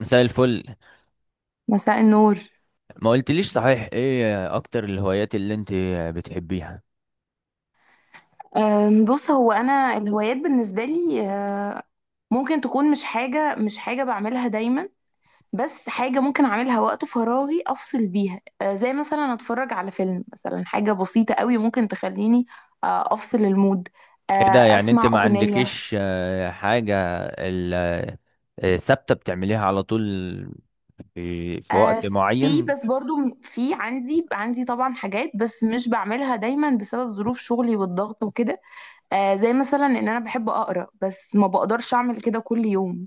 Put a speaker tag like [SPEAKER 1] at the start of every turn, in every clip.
[SPEAKER 1] مساء الفل.
[SPEAKER 2] مساء النور.
[SPEAKER 1] ما قلتليش صحيح، ايه اكتر الهوايات اللي انت بتحبيها؟
[SPEAKER 2] بص، هو انا الهوايات بالنسبه لي، ممكن تكون مش حاجه بعملها دايما، بس حاجه ممكن اعملها وقت فراغي افصل بيها. زي مثلا اتفرج على فيلم، مثلا حاجه بسيطه قوي ممكن تخليني افصل المود. أه،
[SPEAKER 1] ايه ده، يعني انت
[SPEAKER 2] اسمع
[SPEAKER 1] ما
[SPEAKER 2] اغنيه.
[SPEAKER 1] عندكيش حاجة ال- ثابتة بتعمليها على طول؟ في
[SPEAKER 2] أه،
[SPEAKER 1] وقت
[SPEAKER 2] في،
[SPEAKER 1] معين؟
[SPEAKER 2] بس برضو في عندي طبعا حاجات، بس مش بعملها دايما بسبب ظروف شغلي والضغط وكده. زي مثلا ان انا بحب اقرا، بس ما بقدرش اعمل كده كل يوم.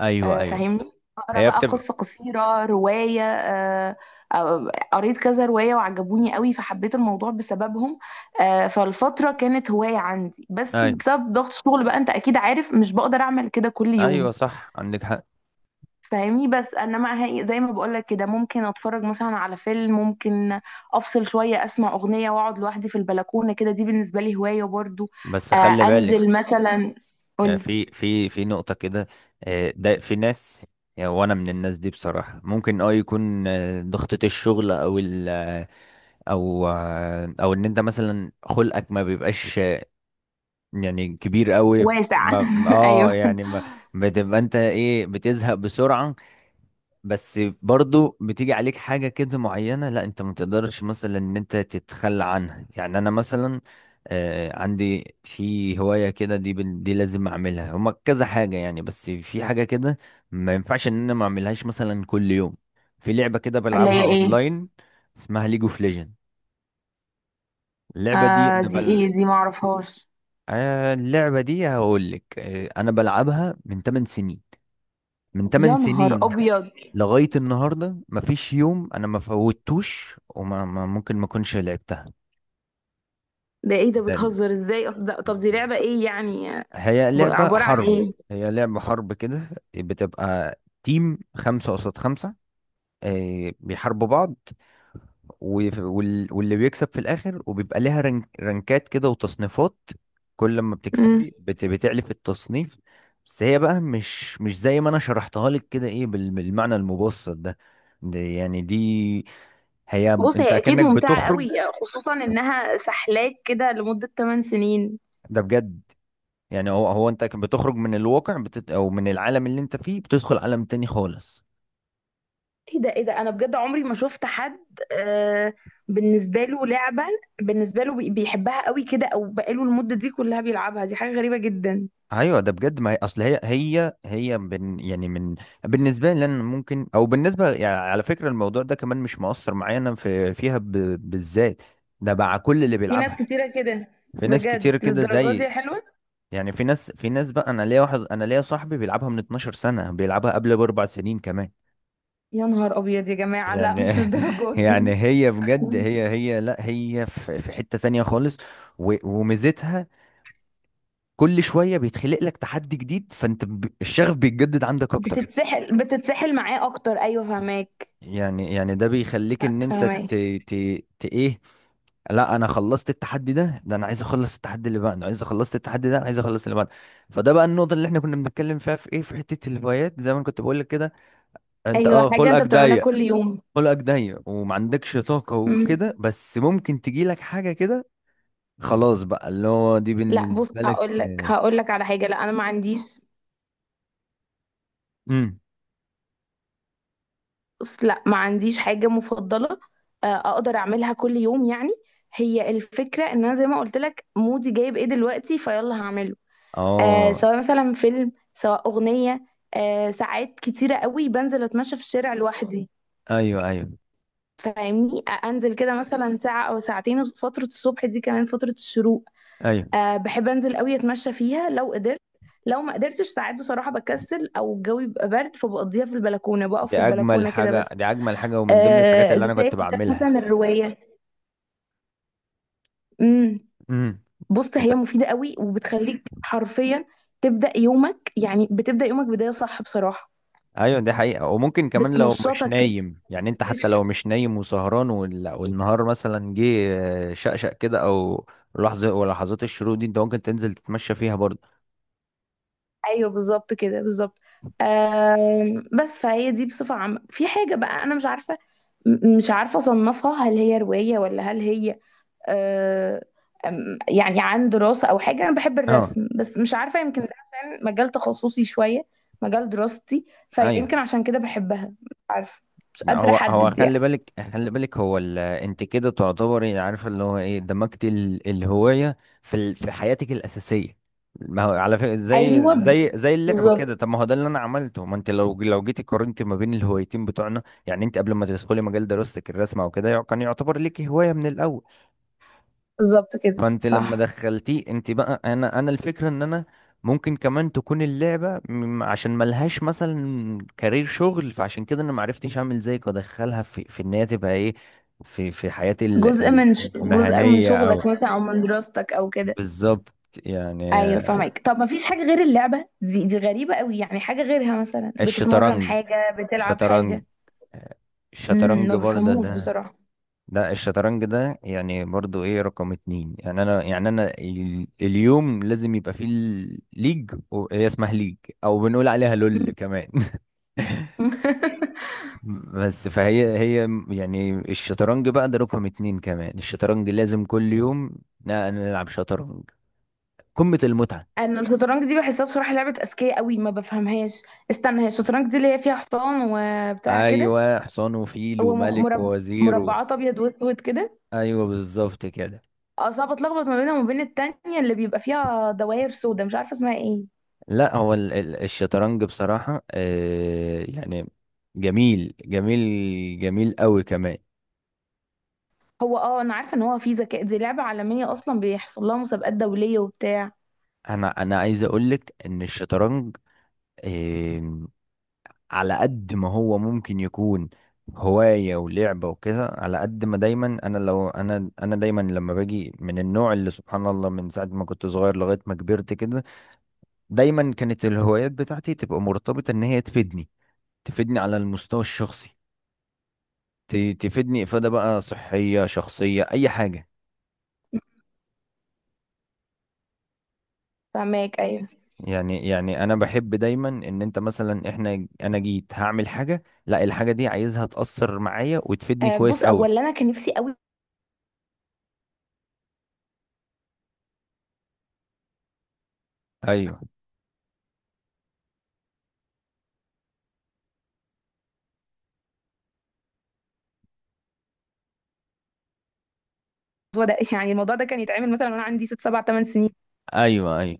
[SPEAKER 1] ايوه، ايوه.
[SPEAKER 2] فاهمني، اقرا
[SPEAKER 1] هي
[SPEAKER 2] بقى
[SPEAKER 1] بتبقى.
[SPEAKER 2] قصه قصيره، روايه. قريت كذا روايه وعجبوني قوي، فحبيت الموضوع بسببهم. فالفتره كانت هوايه عندي، بس
[SPEAKER 1] ايوه،
[SPEAKER 2] بسبب ضغط الشغل بقى، انت اكيد عارف، مش بقدر اعمل كده كل
[SPEAKER 1] ايوه
[SPEAKER 2] يوم.
[SPEAKER 1] صح، عندك حق.
[SPEAKER 2] فاهمني، بس انما زي ما بقولك كده، ممكن اتفرج مثلا على فيلم، ممكن افصل شويه، اسمع اغنيه، واقعد لوحدي في البلكونه كده. دي بالنسبه لي هوايه برضو.
[SPEAKER 1] بس خلي
[SPEAKER 2] انزل
[SPEAKER 1] بالك،
[SPEAKER 2] مثلا. قولي.
[SPEAKER 1] في نقطة كده. ده في ناس، وانا من الناس دي بصراحة. ممكن يكون ضغطة الشغل او او ان انت مثلا خلقك ما بيبقاش، يعني كبير قوي.
[SPEAKER 2] واسع
[SPEAKER 1] ما اه
[SPEAKER 2] ايوه.
[SPEAKER 1] يعني ما بتبقى انت ايه، بتزهق بسرعة. بس برضو بتيجي عليك حاجة كده معينة، لا انت ما تقدرش مثلا ان انت تتخلى عنها، يعني انا مثلا آه عندي في هواية كده. دي لازم اعملها. هما كذا حاجة يعني، بس في حاجة كده ما ينفعش ان انا ما اعملهاش مثلا كل يوم. في لعبة كده
[SPEAKER 2] اللي
[SPEAKER 1] بلعبها
[SPEAKER 2] هي ايه؟
[SPEAKER 1] اونلاين، اسمها ليج اوف ليجند. اللعبة دي أنا
[SPEAKER 2] دي
[SPEAKER 1] بل...
[SPEAKER 2] ايه؟ دي معرفهاش.
[SPEAKER 1] اللعبة دي هقول لك، أنا بلعبها من 8 سنين، من 8
[SPEAKER 2] يا نهار
[SPEAKER 1] سنين
[SPEAKER 2] ابيض!
[SPEAKER 1] لغاية النهاردة مفيش يوم أنا ما فوتوش وما ما- ممكن ما أكونش لعبتها.
[SPEAKER 2] ده ايه ده؟
[SPEAKER 1] ده-
[SPEAKER 2] بتهزر ازاي؟ ده طب دي لعبة ايه يعني؟
[SPEAKER 1] هي لعبة
[SPEAKER 2] عبارة عن
[SPEAKER 1] حرب.
[SPEAKER 2] ايه؟
[SPEAKER 1] هي لعبة حرب كده. بتبقى تيم خمسة قصاد خمسة، بيحاربوا بعض، واللي بيكسب في الاخر، وبيبقى ليها رنك، رنكات كده وتصنيفات. كل ما
[SPEAKER 2] مم.
[SPEAKER 1] بتكسبي بتعلي في التصنيف. بس هي بقى مش زي ما انا شرحتها لك كده، ايه بالمعنى المبسط ده. دي هي
[SPEAKER 2] بص
[SPEAKER 1] انت،
[SPEAKER 2] هي اكيد
[SPEAKER 1] كأنك
[SPEAKER 2] ممتعة
[SPEAKER 1] بتخرج.
[SPEAKER 2] قوي، خصوصا انها سحلاك كده لمدة 8 سنين.
[SPEAKER 1] ده بجد. يعني هو انت بتخرج من الواقع، او من العالم اللي انت فيه، بتدخل عالم تاني خالص.
[SPEAKER 2] ايه ده؟ ايه ده؟ انا بجد عمري ما شفت حد. آه بالنسبة له لعبة، بالنسبة له بيحبها قوي كده، او بقاله المدة دي كلها بيلعبها. دي حاجة غريبة جدا.
[SPEAKER 1] ايوه ده بجد. ما هي اصل هي هي هي بن يعني من بالنسبه لي انا ممكن، او بالنسبه، يعني على فكره الموضوع ده كمان مش مؤثر معايا انا فيها ب... بالذات. ده مع كل اللي
[SPEAKER 2] في ناس
[SPEAKER 1] بيلعبها.
[SPEAKER 2] كتيرة كده.
[SPEAKER 1] في ناس كتير
[SPEAKER 2] بجد
[SPEAKER 1] كده
[SPEAKER 2] للدرجات
[SPEAKER 1] زي،
[SPEAKER 2] دي؟ حلوة.
[SPEAKER 1] يعني في ناس بقى انا ليا صاحبي بيلعبها من 12 سنه، بيلعبها قبل باربع سنين كمان
[SPEAKER 2] يا نهار ابيض يا جماعة! لا،
[SPEAKER 1] يعني.
[SPEAKER 2] مش للدرجات دي.
[SPEAKER 1] يعني هي بجد، هي لا هي في حته تانية خالص. وميزتها: كل شويه بيتخلق لك تحدي جديد، فانت ب... الشغف بيتجدد عندك اكتر،
[SPEAKER 2] بتتسحل معاه اكتر، ايوه، فهماك.
[SPEAKER 1] يعني ده بيخليك
[SPEAKER 2] لا،
[SPEAKER 1] ان انت
[SPEAKER 2] فاهمة.
[SPEAKER 1] ت... ت... ت... ايه؟ لا انا خلصت التحدي ده انا عايز اخلص التحدي اللي بعده، عايز اخلص التحدي ده، أنا عايز اخلص اللي بعده. فده بقى النقطه اللي احنا كنا بنتكلم فيها، في ايه، في حته الهوايات، زي ما أنا كنت بقول لك كده. انت
[SPEAKER 2] ايوه، حاجه انت
[SPEAKER 1] خلقك
[SPEAKER 2] بتعملها
[SPEAKER 1] ضيق.
[SPEAKER 2] كل يوم.
[SPEAKER 1] خلقك ضيق وما عندكش طاقه
[SPEAKER 2] مم.
[SPEAKER 1] وكده، بس ممكن تجي لك حاجه كده خلاص بقى، اللي هو دي
[SPEAKER 2] لا، بص،
[SPEAKER 1] بالنسبه لك.
[SPEAKER 2] هقول لك هقول لك على حاجه، لا، انا ما عندي.
[SPEAKER 1] امم.
[SPEAKER 2] بص، لا، ما عنديش حاجه مفضله اقدر اعملها كل يوم يعني. هي الفكره ان انا زي ما قلت لك، مودي جايب ايه دلوقتي، فيلا هعمله.
[SPEAKER 1] اه،
[SPEAKER 2] سواء مثلا فيلم سواء اغنيه. ساعات كتيره قوي بنزل اتمشى في الشارع لوحدي.
[SPEAKER 1] ايوه، ايوه،
[SPEAKER 2] فاهمني. انزل كده مثلا ساعه او ساعتين فتره الصبح، دي كمان فتره الشروق.
[SPEAKER 1] ايوه.
[SPEAKER 2] بحب انزل قوي اتمشى فيها لو قدرت. لو ما قدرتش ساعات بصراحه بكسل، او الجو بيبقى برد، فبقضيها في البلكونه، بقف
[SPEAKER 1] دي
[SPEAKER 2] في
[SPEAKER 1] اجمل
[SPEAKER 2] البلكونه كده
[SPEAKER 1] حاجه،
[SPEAKER 2] بس.
[SPEAKER 1] دي اجمل حاجه ومن ضمن الحاجات اللي
[SPEAKER 2] زي
[SPEAKER 1] انا
[SPEAKER 2] ما
[SPEAKER 1] كنت
[SPEAKER 2] قلت لك
[SPEAKER 1] بعملها.
[SPEAKER 2] مثلا الروايه. امم
[SPEAKER 1] امم.
[SPEAKER 2] بص هي مفيده قوي وبتخليك حرفيا تبدا يومك، يعني بتبدا يومك بدايه صح بصراحه.
[SPEAKER 1] ايوه دي حقيقة. وممكن كمان لو مش
[SPEAKER 2] بتنشطك كده.
[SPEAKER 1] نايم يعني، انت حتى لو مش نايم وسهران والنهار مثلا جه، شقشق كده، او لحظة ولحظات الشروق دي، انت ممكن تنزل تتمشى فيها برضه.
[SPEAKER 2] ايوه، بالظبط كده، بالظبط. بس فهي دي بصفه عامه. في حاجه بقى انا مش عارفه، مش عارفه اصنفها، هل هي روايه ولا هل هي آه، يعني عن دراسة أو حاجة. أنا بحب
[SPEAKER 1] اه،
[SPEAKER 2] الرسم، بس مش عارفة، يمكن ده عشان مجال تخصصي شوية، مجال دراستي،
[SPEAKER 1] ايوه.
[SPEAKER 2] فيمكن عشان كده بحبها، مش عارفة. مش
[SPEAKER 1] لا،
[SPEAKER 2] قادرة
[SPEAKER 1] هو
[SPEAKER 2] أحدد
[SPEAKER 1] خلي
[SPEAKER 2] يعني.
[SPEAKER 1] بالك، خلي بالك، هو ال... انت كده تعتبري عارفه اللي هو ايه، دمجت ال... الهوايه في ال... في حياتك الاساسيه. ما هو على فكره زي
[SPEAKER 2] ايوه،
[SPEAKER 1] زي زي اللعبه كده.
[SPEAKER 2] بالظبط،
[SPEAKER 1] طب ما هو ده اللي انا عملته. ما انت لو جيتي قارنتي ما بين الهوايتين بتوعنا، يعني انت قبل ما تدخلي مجال دراستك، الرسم او كده كان يعتبر ليكي هوايه من الاول.
[SPEAKER 2] بالظبط كده،
[SPEAKER 1] فانت لما
[SPEAKER 2] صح.
[SPEAKER 1] دخلتيه انت بقى، انا الفكره ان انا ممكن كمان تكون اللعبه عشان ملهاش مثلا كارير شغل، فعشان كده انا معرفتش اعمل زيك وادخلها في ان هي تبقى ايه، في في حياتي
[SPEAKER 2] جزء من
[SPEAKER 1] المهنيه او
[SPEAKER 2] شغلك مثلا أو من دراستك أو كده.
[SPEAKER 1] بالظبط. يعني
[SPEAKER 2] أيوة فاهمك. طب ما فيش حاجة غير اللعبة دي؟ دي غريبة قوي، يعني حاجة غيرها مثلا بتتمرن،
[SPEAKER 1] الشطرنج،
[SPEAKER 2] حاجة بتلعب
[SPEAKER 1] شطرنج،
[SPEAKER 2] حاجة.
[SPEAKER 1] آه، الشطرنج
[SPEAKER 2] ما
[SPEAKER 1] برضه
[SPEAKER 2] بفهموش
[SPEAKER 1] ده.
[SPEAKER 2] بصراحة.
[SPEAKER 1] لا الشطرنج ده يعني برضو ايه، رقم اتنين، يعني انا اليوم لازم يبقى فيه ليج، هي اسمها ليج، او بنقول عليها لول كمان.
[SPEAKER 2] مم.
[SPEAKER 1] بس فهي يعني الشطرنج بقى ده رقم اتنين كمان، الشطرنج لازم كل يوم نلعب شطرنج. قمة المتعة.
[SPEAKER 2] انا الشطرنج دي بحسها بصراحه لعبه اذكياء قوي، ما بفهمهاش. استنى، هي الشطرنج دي اللي هي فيها حصان وبتاع كده؟
[SPEAKER 1] ايوه، حصان وفيل
[SPEAKER 2] هو
[SPEAKER 1] وملك ووزير و...
[SPEAKER 2] مربعات ابيض واسود كده.
[SPEAKER 1] ايوه بالظبط كده.
[SPEAKER 2] اه، صعب اتلخبط ما بينها وما بين التانية اللي بيبقى فيها دوائر سودا، مش عارفه اسمها ايه.
[SPEAKER 1] لا هو الشطرنج بصراحة، يعني جميل، جميل، جميل قوي كمان.
[SPEAKER 2] هو اه، انا عارفه ان هو في ذكاء، دي لعبه عالميه اصلا، بيحصل لها مسابقات دوليه وبتاع.
[SPEAKER 1] انا عايز اقولك ان الشطرنج، آه، على قد ما هو ممكن يكون هواية ولعبة وكده، على قد ما دايما انا، لو انا انا دايما لما باجي من النوع اللي سبحان الله، من ساعة ما كنت صغير لغاية ما كبرت كده، دايما كانت الهوايات بتاعتي تبقى مرتبطة ان هي تفيدني، تفيدني على المستوى الشخصي. تفيدني افادة بقى صحية، شخصية، اي حاجة،
[SPEAKER 2] فهماك، ايوه.
[SPEAKER 1] يعني. يعني انا بحب دايما ان انت مثلا، انا جيت هعمل حاجه، لا الحاجه دي عايزها تاثر معايا وتفيدني كويس
[SPEAKER 2] بص،
[SPEAKER 1] قوي.
[SPEAKER 2] اولا انا كان نفسي قوي
[SPEAKER 1] ايوه،
[SPEAKER 2] الموضوع ده يعني الموضوع ده كان يتعمل مثلا وانا عندي ست سبع ثمان سنين.
[SPEAKER 1] ايوه، ايوه.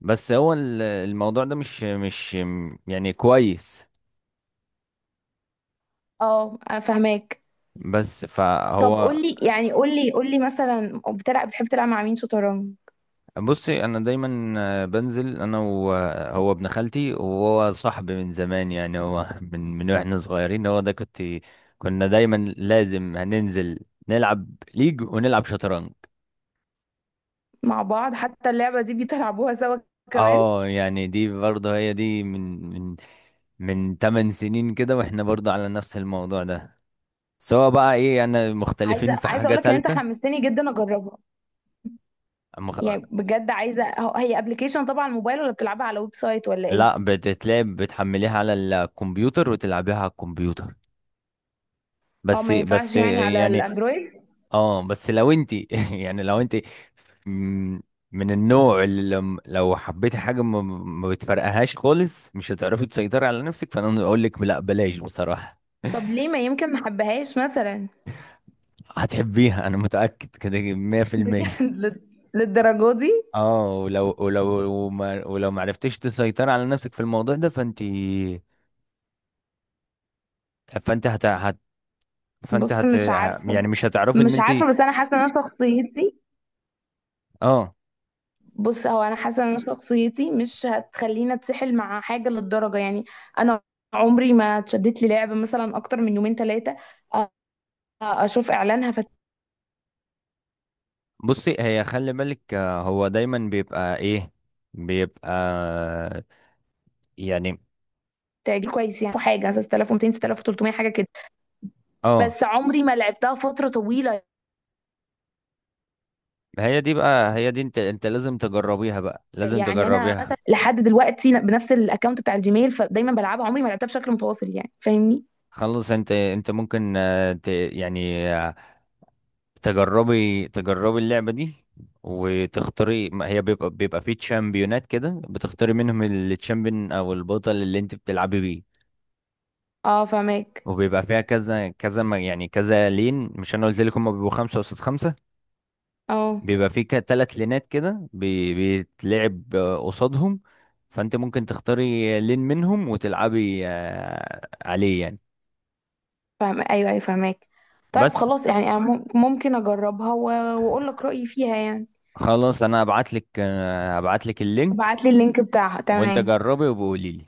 [SPEAKER 1] بس هو الموضوع ده مش يعني كويس.
[SPEAKER 2] اه، فاهماك.
[SPEAKER 1] بس
[SPEAKER 2] طب
[SPEAKER 1] فهو
[SPEAKER 2] قول لي، يعني قول لي مثلا بتحب تلعب مع مين شطرنج؟
[SPEAKER 1] بصي انا دايما، بنزل انا وهو، ابن خالتي وهو صاحبي من زمان، يعني هو من واحنا صغيرين، هو ده كنت، كنا دايما لازم هننزل نلعب ليج ونلعب شطرنج.
[SPEAKER 2] مع بعض؟ حتى اللعبة دي بيلعبوها سوا كمان.
[SPEAKER 1] اه يعني دي برضه هي دي، من من 8 سنين كده، واحنا برضه على نفس الموضوع ده، سواء بقى ايه. انا
[SPEAKER 2] عايزة
[SPEAKER 1] مختلفين في
[SPEAKER 2] عايزة
[SPEAKER 1] حاجة
[SPEAKER 2] اقول لك ان انت
[SPEAKER 1] تالتة.
[SPEAKER 2] حمستني جدا اجربها،
[SPEAKER 1] مخ...
[SPEAKER 2] يعني بجد عايزة. هي ابلكيشن طبعا على الموبايل، ولا بتلعبها على ويب سايت، ولا ايه؟
[SPEAKER 1] لا، بتتلعب، بتحمليها على الكمبيوتر وتلعبيها على الكمبيوتر.
[SPEAKER 2] اه،
[SPEAKER 1] بس
[SPEAKER 2] ما
[SPEAKER 1] بس
[SPEAKER 2] ينفعش يعني على
[SPEAKER 1] يعني
[SPEAKER 2] الاندرويد؟
[SPEAKER 1] اه، بس لو انت يعني لو انت م- من النوع اللي لو حبيتي حاجة ما بتفرقهاش خالص، مش هتعرفي تسيطري على نفسك، فانا اقول لك لا بلاش بصراحة.
[SPEAKER 2] طب ليه؟ ما يمكن ما حبهاش مثلا.
[SPEAKER 1] هتحبيها انا متأكد كده،
[SPEAKER 2] بجد
[SPEAKER 1] 100%.
[SPEAKER 2] للدرجة دي؟
[SPEAKER 1] اه، ولو ولو ولو ما عرفتيش تسيطري على نفسك في الموضوع ده، فانت، فانت هت... هت... فانت
[SPEAKER 2] بص مش عارفة،
[SPEAKER 1] يعني مش هتعرفي
[SPEAKER 2] مش
[SPEAKER 1] ان انت.
[SPEAKER 2] عارفة، بس انا حاسة ان انا شخصيتي،
[SPEAKER 1] اه
[SPEAKER 2] بص هو انا حاسة ان انا شخصيتي مش هتخليني اتسحل مع حاجة للدرجة يعني. انا عمري ما اتشدت لي لعبة مثلا اكتر من يومين ثلاثة، اشوف اعلانها
[SPEAKER 1] بصي، هي خلي بالك، هو دايما بيبقى ايه، بيبقى يعني
[SPEAKER 2] فتعجبني كويس، يعني حاجه 6200، 6300، حاجه كده،
[SPEAKER 1] اه.
[SPEAKER 2] بس عمري ما لعبتها فتره طويله.
[SPEAKER 1] هي دي بقى، هي دي، انت لازم تجربيها بقى، لازم
[SPEAKER 2] يعني انا
[SPEAKER 1] تجربيها.
[SPEAKER 2] مثلا لحد دلوقتي بنفس الاكونت بتاع الجيميل، فدايما بلعبها، عمري ما لعبتها بشكل متواصل يعني، فاهمني.
[SPEAKER 1] خلص انت ممكن ت... يعني تجربي، تجربي اللعبة دي، وتختاري. ما هي بيبقى، فيه تشامبيونات كده، بتختاري منهم التشامبيون او البطل اللي انت بتلعبي بيه.
[SPEAKER 2] اه، فاهماك.
[SPEAKER 1] وبيبقى فيها كذا كذا يعني كذا لين. مش انا قلت لك هم بيبقوا خمسة قصاد خمسة،
[SPEAKER 2] اه،
[SPEAKER 1] بيبقى فيه كده تلات لينات كده بيتلعب قصادهم. فانت ممكن تختاري لين منهم وتلعبي عليه يعني.
[SPEAKER 2] فاهم، ايوه، ايوه، فاهماك. طيب
[SPEAKER 1] بس
[SPEAKER 2] خلاص، يعني أنا ممكن اجربها واقول لك رايي فيها يعني.
[SPEAKER 1] خلاص، انا هبعت لك، اللينك،
[SPEAKER 2] ابعت لي اللينك بتاعها،
[SPEAKER 1] وانت
[SPEAKER 2] تمام.
[SPEAKER 1] جربي وبقولي لي.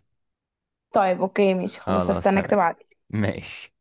[SPEAKER 2] طيب اوكي، ماشي، خلاص،
[SPEAKER 1] خلاص
[SPEAKER 2] هستناك
[SPEAKER 1] تمام.
[SPEAKER 2] تبعت.
[SPEAKER 1] ماشي.